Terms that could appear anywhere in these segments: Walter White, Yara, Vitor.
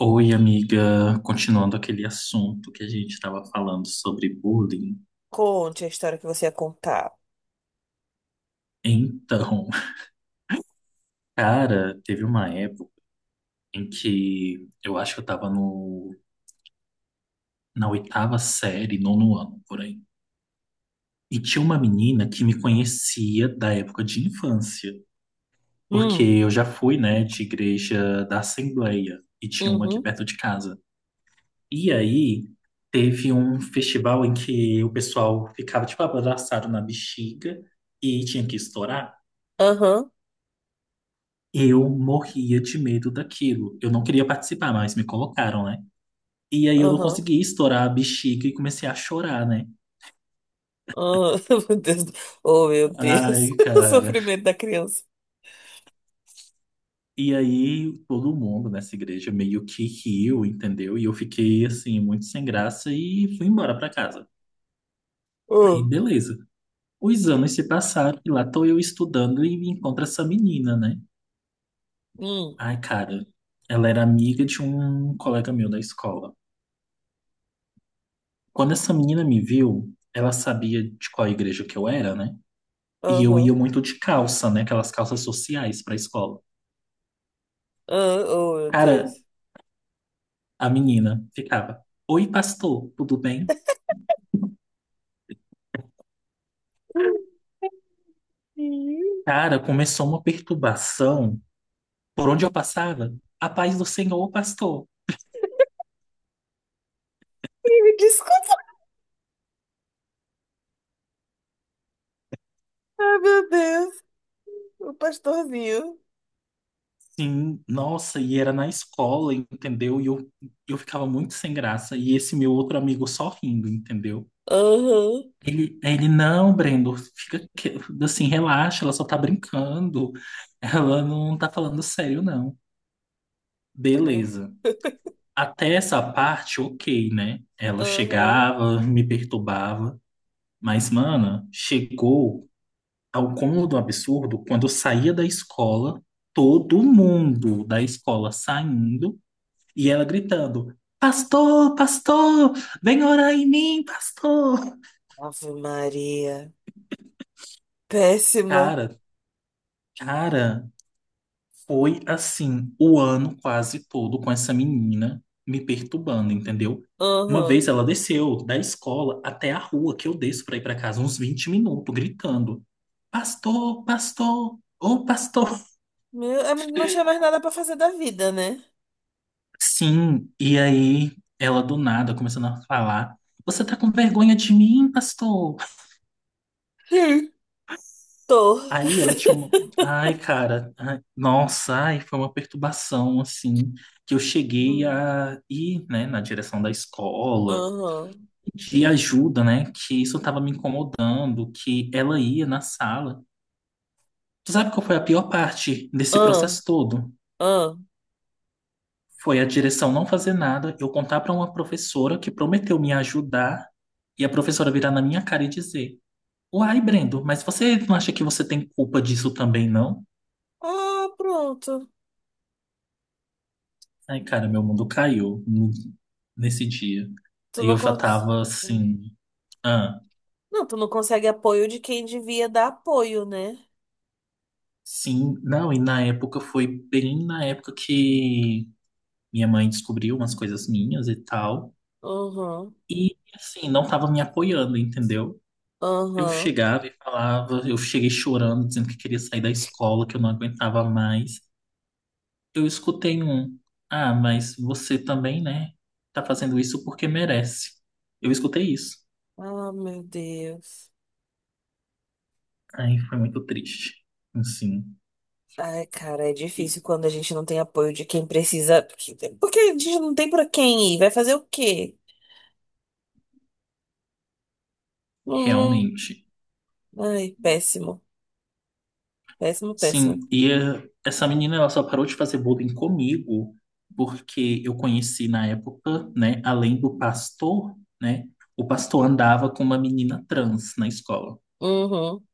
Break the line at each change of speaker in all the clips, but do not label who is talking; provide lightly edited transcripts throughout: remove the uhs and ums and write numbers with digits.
Oi, amiga. Continuando aquele assunto que a gente estava falando sobre bullying.
Conte a história que você ia contar.
Então, cara, teve uma época em que eu acho que eu estava no, na oitava série, nono ano, por aí. E tinha uma menina que me conhecia da época de infância, porque
Hum,
eu já fui, né, de igreja da Assembleia, e tinha uma aqui
uhum,
perto de casa. E aí, teve um festival em que o pessoal ficava, tipo, abraçado na bexiga e tinha que estourar.
aham,
Eu morria de medo daquilo. Eu não queria participar, mas me colocaram, né? E aí eu não
aham,
consegui estourar a bexiga e comecei a chorar, né?
aham. Meu Deus. Oh, meu Deus.
Ai,
O
cara.
sofrimento da criança.
E aí todo mundo nessa igreja meio que riu, entendeu? E eu fiquei assim, muito sem graça e fui embora pra casa. Aí,
Oh,
beleza. Os anos se passaram e lá tô eu estudando e me encontro essa menina, né?
hum,
Ai, cara. Ela era amiga de um colega meu da escola. Quando essa menina me viu, ela sabia de qual igreja que eu era, né? E eu ia
aham,
muito de calça, né? Aquelas calças sociais pra escola.
ah, oh, meu
Cara,
Deus.
a menina ficava: Oi, pastor, tudo bem? Cara, começou uma perturbação por onde eu passava. A paz do Senhor, pastor.
Ih, me desculpa. Ah, meu Deus. O pastorzinho.
Sim, nossa, e era na escola, entendeu? E eu ficava muito sem graça. E esse meu outro amigo só rindo, entendeu?
Aham,
Ele, não, Brendo, fica assim, relaxa, ela só tá brincando. Ela não tá falando sério, não.
aham,
Beleza. Até essa parte, ok, né? Ela
aham.
chegava, me perturbava. Mas, mana, chegou ao cômodo absurdo quando eu saía da escola, todo mundo da escola saindo e ela gritando: Pastor, pastor, vem orar em mim, pastor.
Ave Maria. Péssima.
Cara, cara, Foi assim, o ano quase todo com essa menina me perturbando, entendeu? Uma
Aham.
vez ela desceu da escola até a rua que eu desço para ir para casa, uns 20 minutos, gritando: Pastor, pastor, ô pastor.
Meu, é, não tinha mais nada pra fazer da vida, né?
Sim, e aí ela do nada começando a falar: Você tá com vergonha de mim, pastor?
Sim. Tô.
Aí ela tinha uma. Ai, cara, ai, nossa, ai, foi uma perturbação assim, que eu cheguei
Hum.
a ir, né, na direção da escola
Aham.
de ajuda, né? Que isso estava me incomodando, que ela ia na sala. Tu sabe qual foi a pior parte desse
Ah,
processo todo?
ah.
Foi a direção não fazer nada, eu contar para uma professora que prometeu me ajudar e a professora virar na minha cara e dizer: Uai, Brendo, mas você não acha que você tem culpa disso também, não?
Ah, pronto.
Ai, cara, meu mundo caiu nesse dia.
Tu
E
não
eu já
cons...
tava assim, ah,
Não, tu não consegue apoio de quem devia dar apoio, né?
sim, não, e na época foi bem na época que minha mãe descobriu umas coisas minhas e tal.
Aham.
E, assim, não tava me apoiando, entendeu? Eu
Aham.
chegava e falava, eu cheguei chorando, dizendo que queria sair da escola, que eu não aguentava mais. Eu escutei um, ah, mas você também, né? Tá fazendo isso porque merece. Eu escutei isso.
Ah, meu Deus.
Aí foi muito triste. Assim,
Ai, cara, é
e
difícil quando a gente não tem apoio de quem precisa. Porque porque a gente não tem pra quem ir. Vai fazer o quê? Não,
realmente.
ai, péssimo. Péssimo, péssimo.
Sim, e eh, essa menina ela só parou de fazer bullying comigo porque eu conheci na época, né, além do pastor, né, o pastor andava com uma menina trans na escola.
Uhum,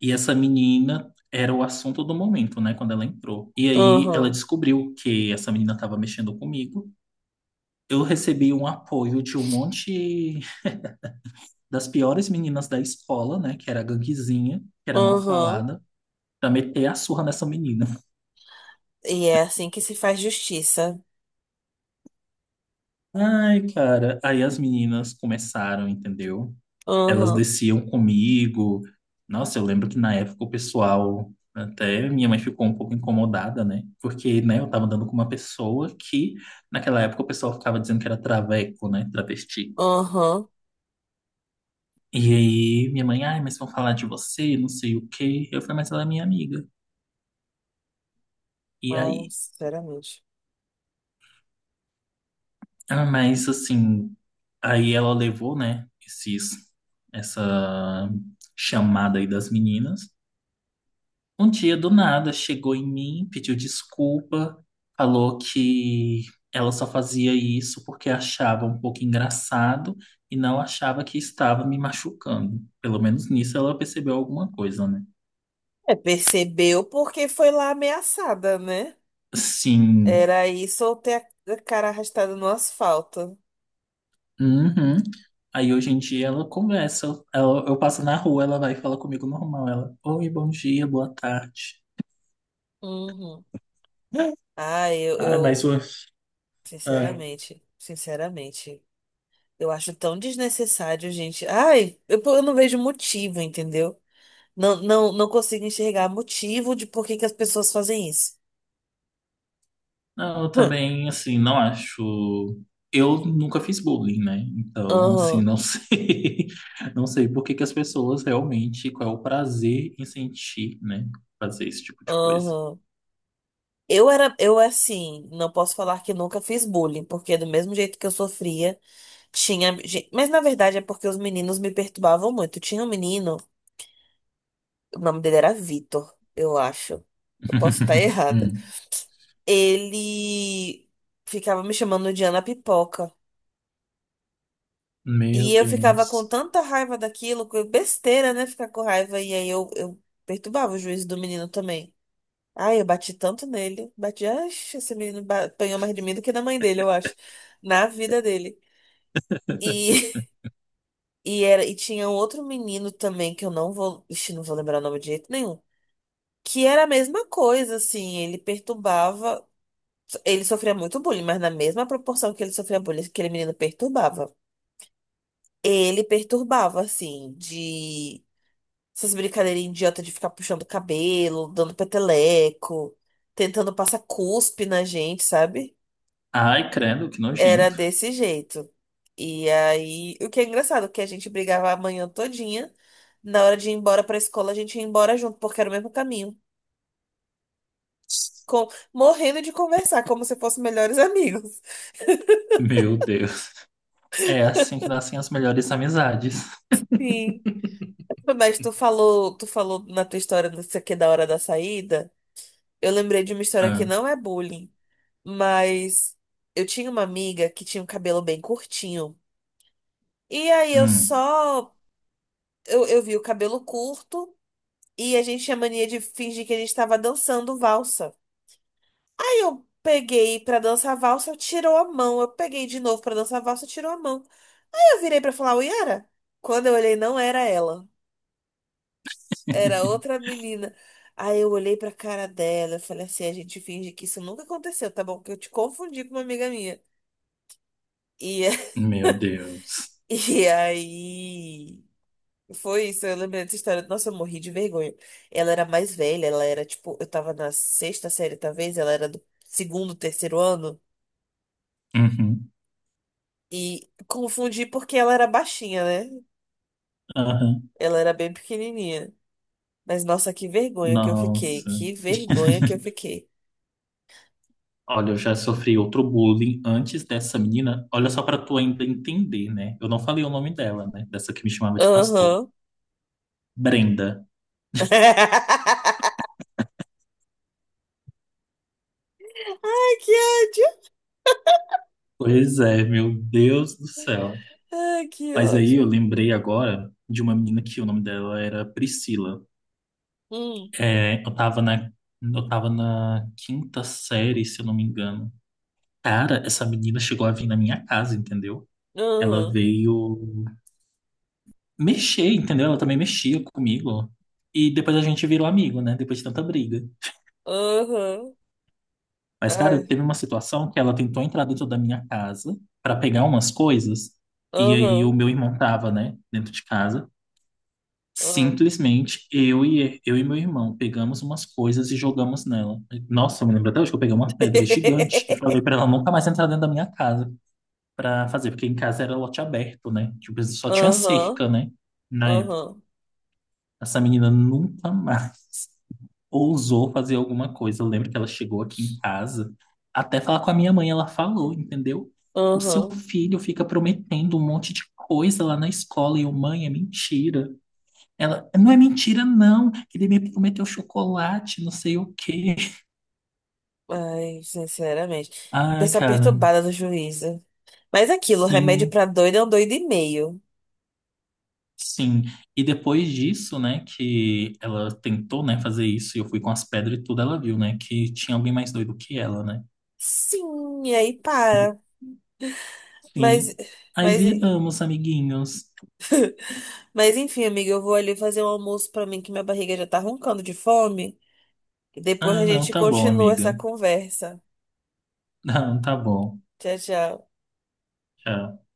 E essa menina era o assunto do momento, né, quando ela entrou. E aí ela
uhum,
descobriu que essa menina estava mexendo comigo. Eu recebi um apoio de um monte das piores meninas da escola, né, que era a ganguezinha, que era mal
uhum.
falada, pra meter a surra nessa menina.
E é assim que se faz justiça.
Ai, cara. Aí as meninas começaram, entendeu? Elas
Uhum,
desciam comigo. Nossa, eu lembro que na época o pessoal, até minha mãe ficou um pouco incomodada, né? Porque, né, eu tava andando com uma pessoa que, naquela época, o pessoal ficava dizendo que era traveco, né? Travesti.
uhum.
E aí minha mãe, ai, mas vão falar de você, não sei o quê. Eu falei, mas ela é minha amiga. E
Ai,
aí?
sinceramente.
Ah, mas assim, aí ela levou, né, essa chamada aí das meninas. Um dia do nada chegou em mim, pediu desculpa, falou que ela só fazia isso porque achava um pouco engraçado e não achava que estava me machucando. Pelo menos nisso ela percebeu alguma coisa, né?
É, percebeu porque foi lá ameaçada, né?
Sim.
Era isso ou ter a cara arrastada no asfalto.
Uhum. Aí hoje em dia ela conversa, ela- eu passo na rua, ela vai e fala comigo normal. Ela, oi, bom dia, boa tarde.
Uhum. Ah eu,
Ai, mas
eu,
o. É.
sinceramente, sinceramente, eu acho tão desnecessário, gente. Ai, eu não vejo motivo, entendeu? Não, não, não consigo enxergar motivo de por que que as pessoas fazem isso.
Não, eu
Hum.
também, assim, não acho. Eu nunca fiz bullying, né? Então, assim,
Aham,
não sei. Não sei por que que as pessoas realmente. Qual é o prazer em sentir, né? Fazer esse tipo de coisa.
aham. Eu era, eu assim, não posso falar que nunca fiz bullying, porque do mesmo jeito que eu sofria, tinha. Mas na verdade é porque os meninos me perturbavam muito. Tinha um menino, o nome dele era Vitor, eu acho. Eu posso estar errada.
Hum.
Ele ficava me chamando de Ana Pipoca.
Meu
E eu ficava com
Deus.
tanta raiva daquilo, que besteira, né? Ficar com raiva. E aí eu perturbava o juízo do menino também. Ai, eu bati tanto nele. Bati, ai, esse menino apanhou mais de mim do que da mãe dele, eu acho. Na vida dele. E, e, era, e tinha um outro menino também, que eu não vou. Ixi, não vou lembrar o nome de jeito nenhum. Que era a mesma coisa, assim. Ele perturbava. Ele sofria muito bullying, mas na mesma proporção que ele sofria bullying, aquele menino perturbava. Ele perturbava, assim, de. Essas brincadeirinhas idiota de ficar puxando o cabelo, dando peteleco, tentando passar cuspe na gente, sabe?
Ai, credo, que
Era
nojento.
desse jeito. E aí, o que é engraçado, que a gente brigava a manhã todinha. Na hora de ir embora pra escola, a gente ia embora junto, porque era o mesmo caminho. Com... Morrendo de conversar, como se fossem melhores amigos.
Meu Deus. É assim que nascem as melhores amizades.
Sim. Mas tu falou na tua história, não sei o que, é da hora da saída. Eu lembrei de uma história que
Ah,
não é bullying. Mas eu tinha uma amiga que tinha um cabelo bem curtinho. E aí eu
hum.
só. Eu vi o cabelo curto e a gente tinha mania de fingir que a gente tava dançando valsa. Aí eu peguei pra dançar valsa, eu tirou a mão. Eu peguei de novo pra dançar valsa, tirou a mão. Aí eu virei pra falar, oi, Yara? Quando eu olhei, não era ela. Era outra menina. Aí eu olhei pra cara dela, eu falei assim, a gente finge que isso nunca aconteceu, tá bom? Que eu te confundi com uma amiga minha. E,
Meu Deus.
e aí. Foi isso, eu lembrei dessa história. Nossa, eu morri de vergonha. Ela era mais velha, ela era tipo, eu tava na sexta série, talvez, ela era do segundo, terceiro ano.
Uhum.
E confundi porque ela era baixinha, né?
Aham.
Ela era bem pequenininha. Mas nossa, que vergonha que eu fiquei.
Nossa.
Que vergonha que eu fiquei.
Olha, eu já sofri outro bullying antes dessa menina. Olha só pra tu ainda entender, né? Eu não falei o nome dela, né? Dessa que me chamava de pastor.
Aham.
Brenda.
Ai, que ódio.
Pois é, meu Deus do céu.
Ai, que
Mas aí eu
ódio.
lembrei agora de uma menina que o nome dela era Priscila.
Hum,
É, eu tava eu tava na quinta série, se eu não me engano. Cara, essa menina chegou a vir na minha casa, entendeu? Ela
aham,
veio mexer, entendeu? Ela também mexia comigo. E depois a gente virou amigo, né? Depois de tanta briga.
aham.
Mas, cara,
Ai,
teve uma situação que ela tentou entrar dentro da minha casa para pegar umas coisas, e aí o
aham,
meu irmão tava, né, dentro de casa.
aham.
Simplesmente eu e meu irmão pegamos umas coisas e jogamos nela. Nossa, eu me lembro até hoje que eu peguei uma pedra gigante e falei para ela nunca mais entrar dentro da minha casa para fazer, porque em casa era lote aberto, né? Tipo, só tinha
Aham,
cerca, né? Na época.
aham.
Essa menina nunca mais ousou fazer alguma coisa. Eu lembro que ela chegou aqui em casa, até falar com a minha mãe, ela falou, entendeu? O seu
Aham.
filho fica prometendo um monte de coisa lá na escola e eu, mãe, é mentira. Ela, não é mentira, não, que ele me prometeu chocolate, não sei o quê.
Ai, sinceramente.
Ai,
Pessoa
cara,
perturbada do juízo. Mas aquilo, remédio
sim,
pra doido é um doido e meio.
sim. E depois disso, né, que ela tentou, né, fazer isso, e eu fui com as pedras e tudo, ela viu, né, que tinha alguém mais doido que ela, né?
Sim, e aí para. Mas,
Sim. Aí
mas,
viramos amiguinhos.
mas enfim, amiga, eu vou ali fazer um almoço pra mim, que minha barriga já tá roncando de fome. E depois
Ah,
a
não,
gente
tá bom,
continua essa
amiga.
conversa.
Não, tá bom.
Tchau, tchau.
Tchau.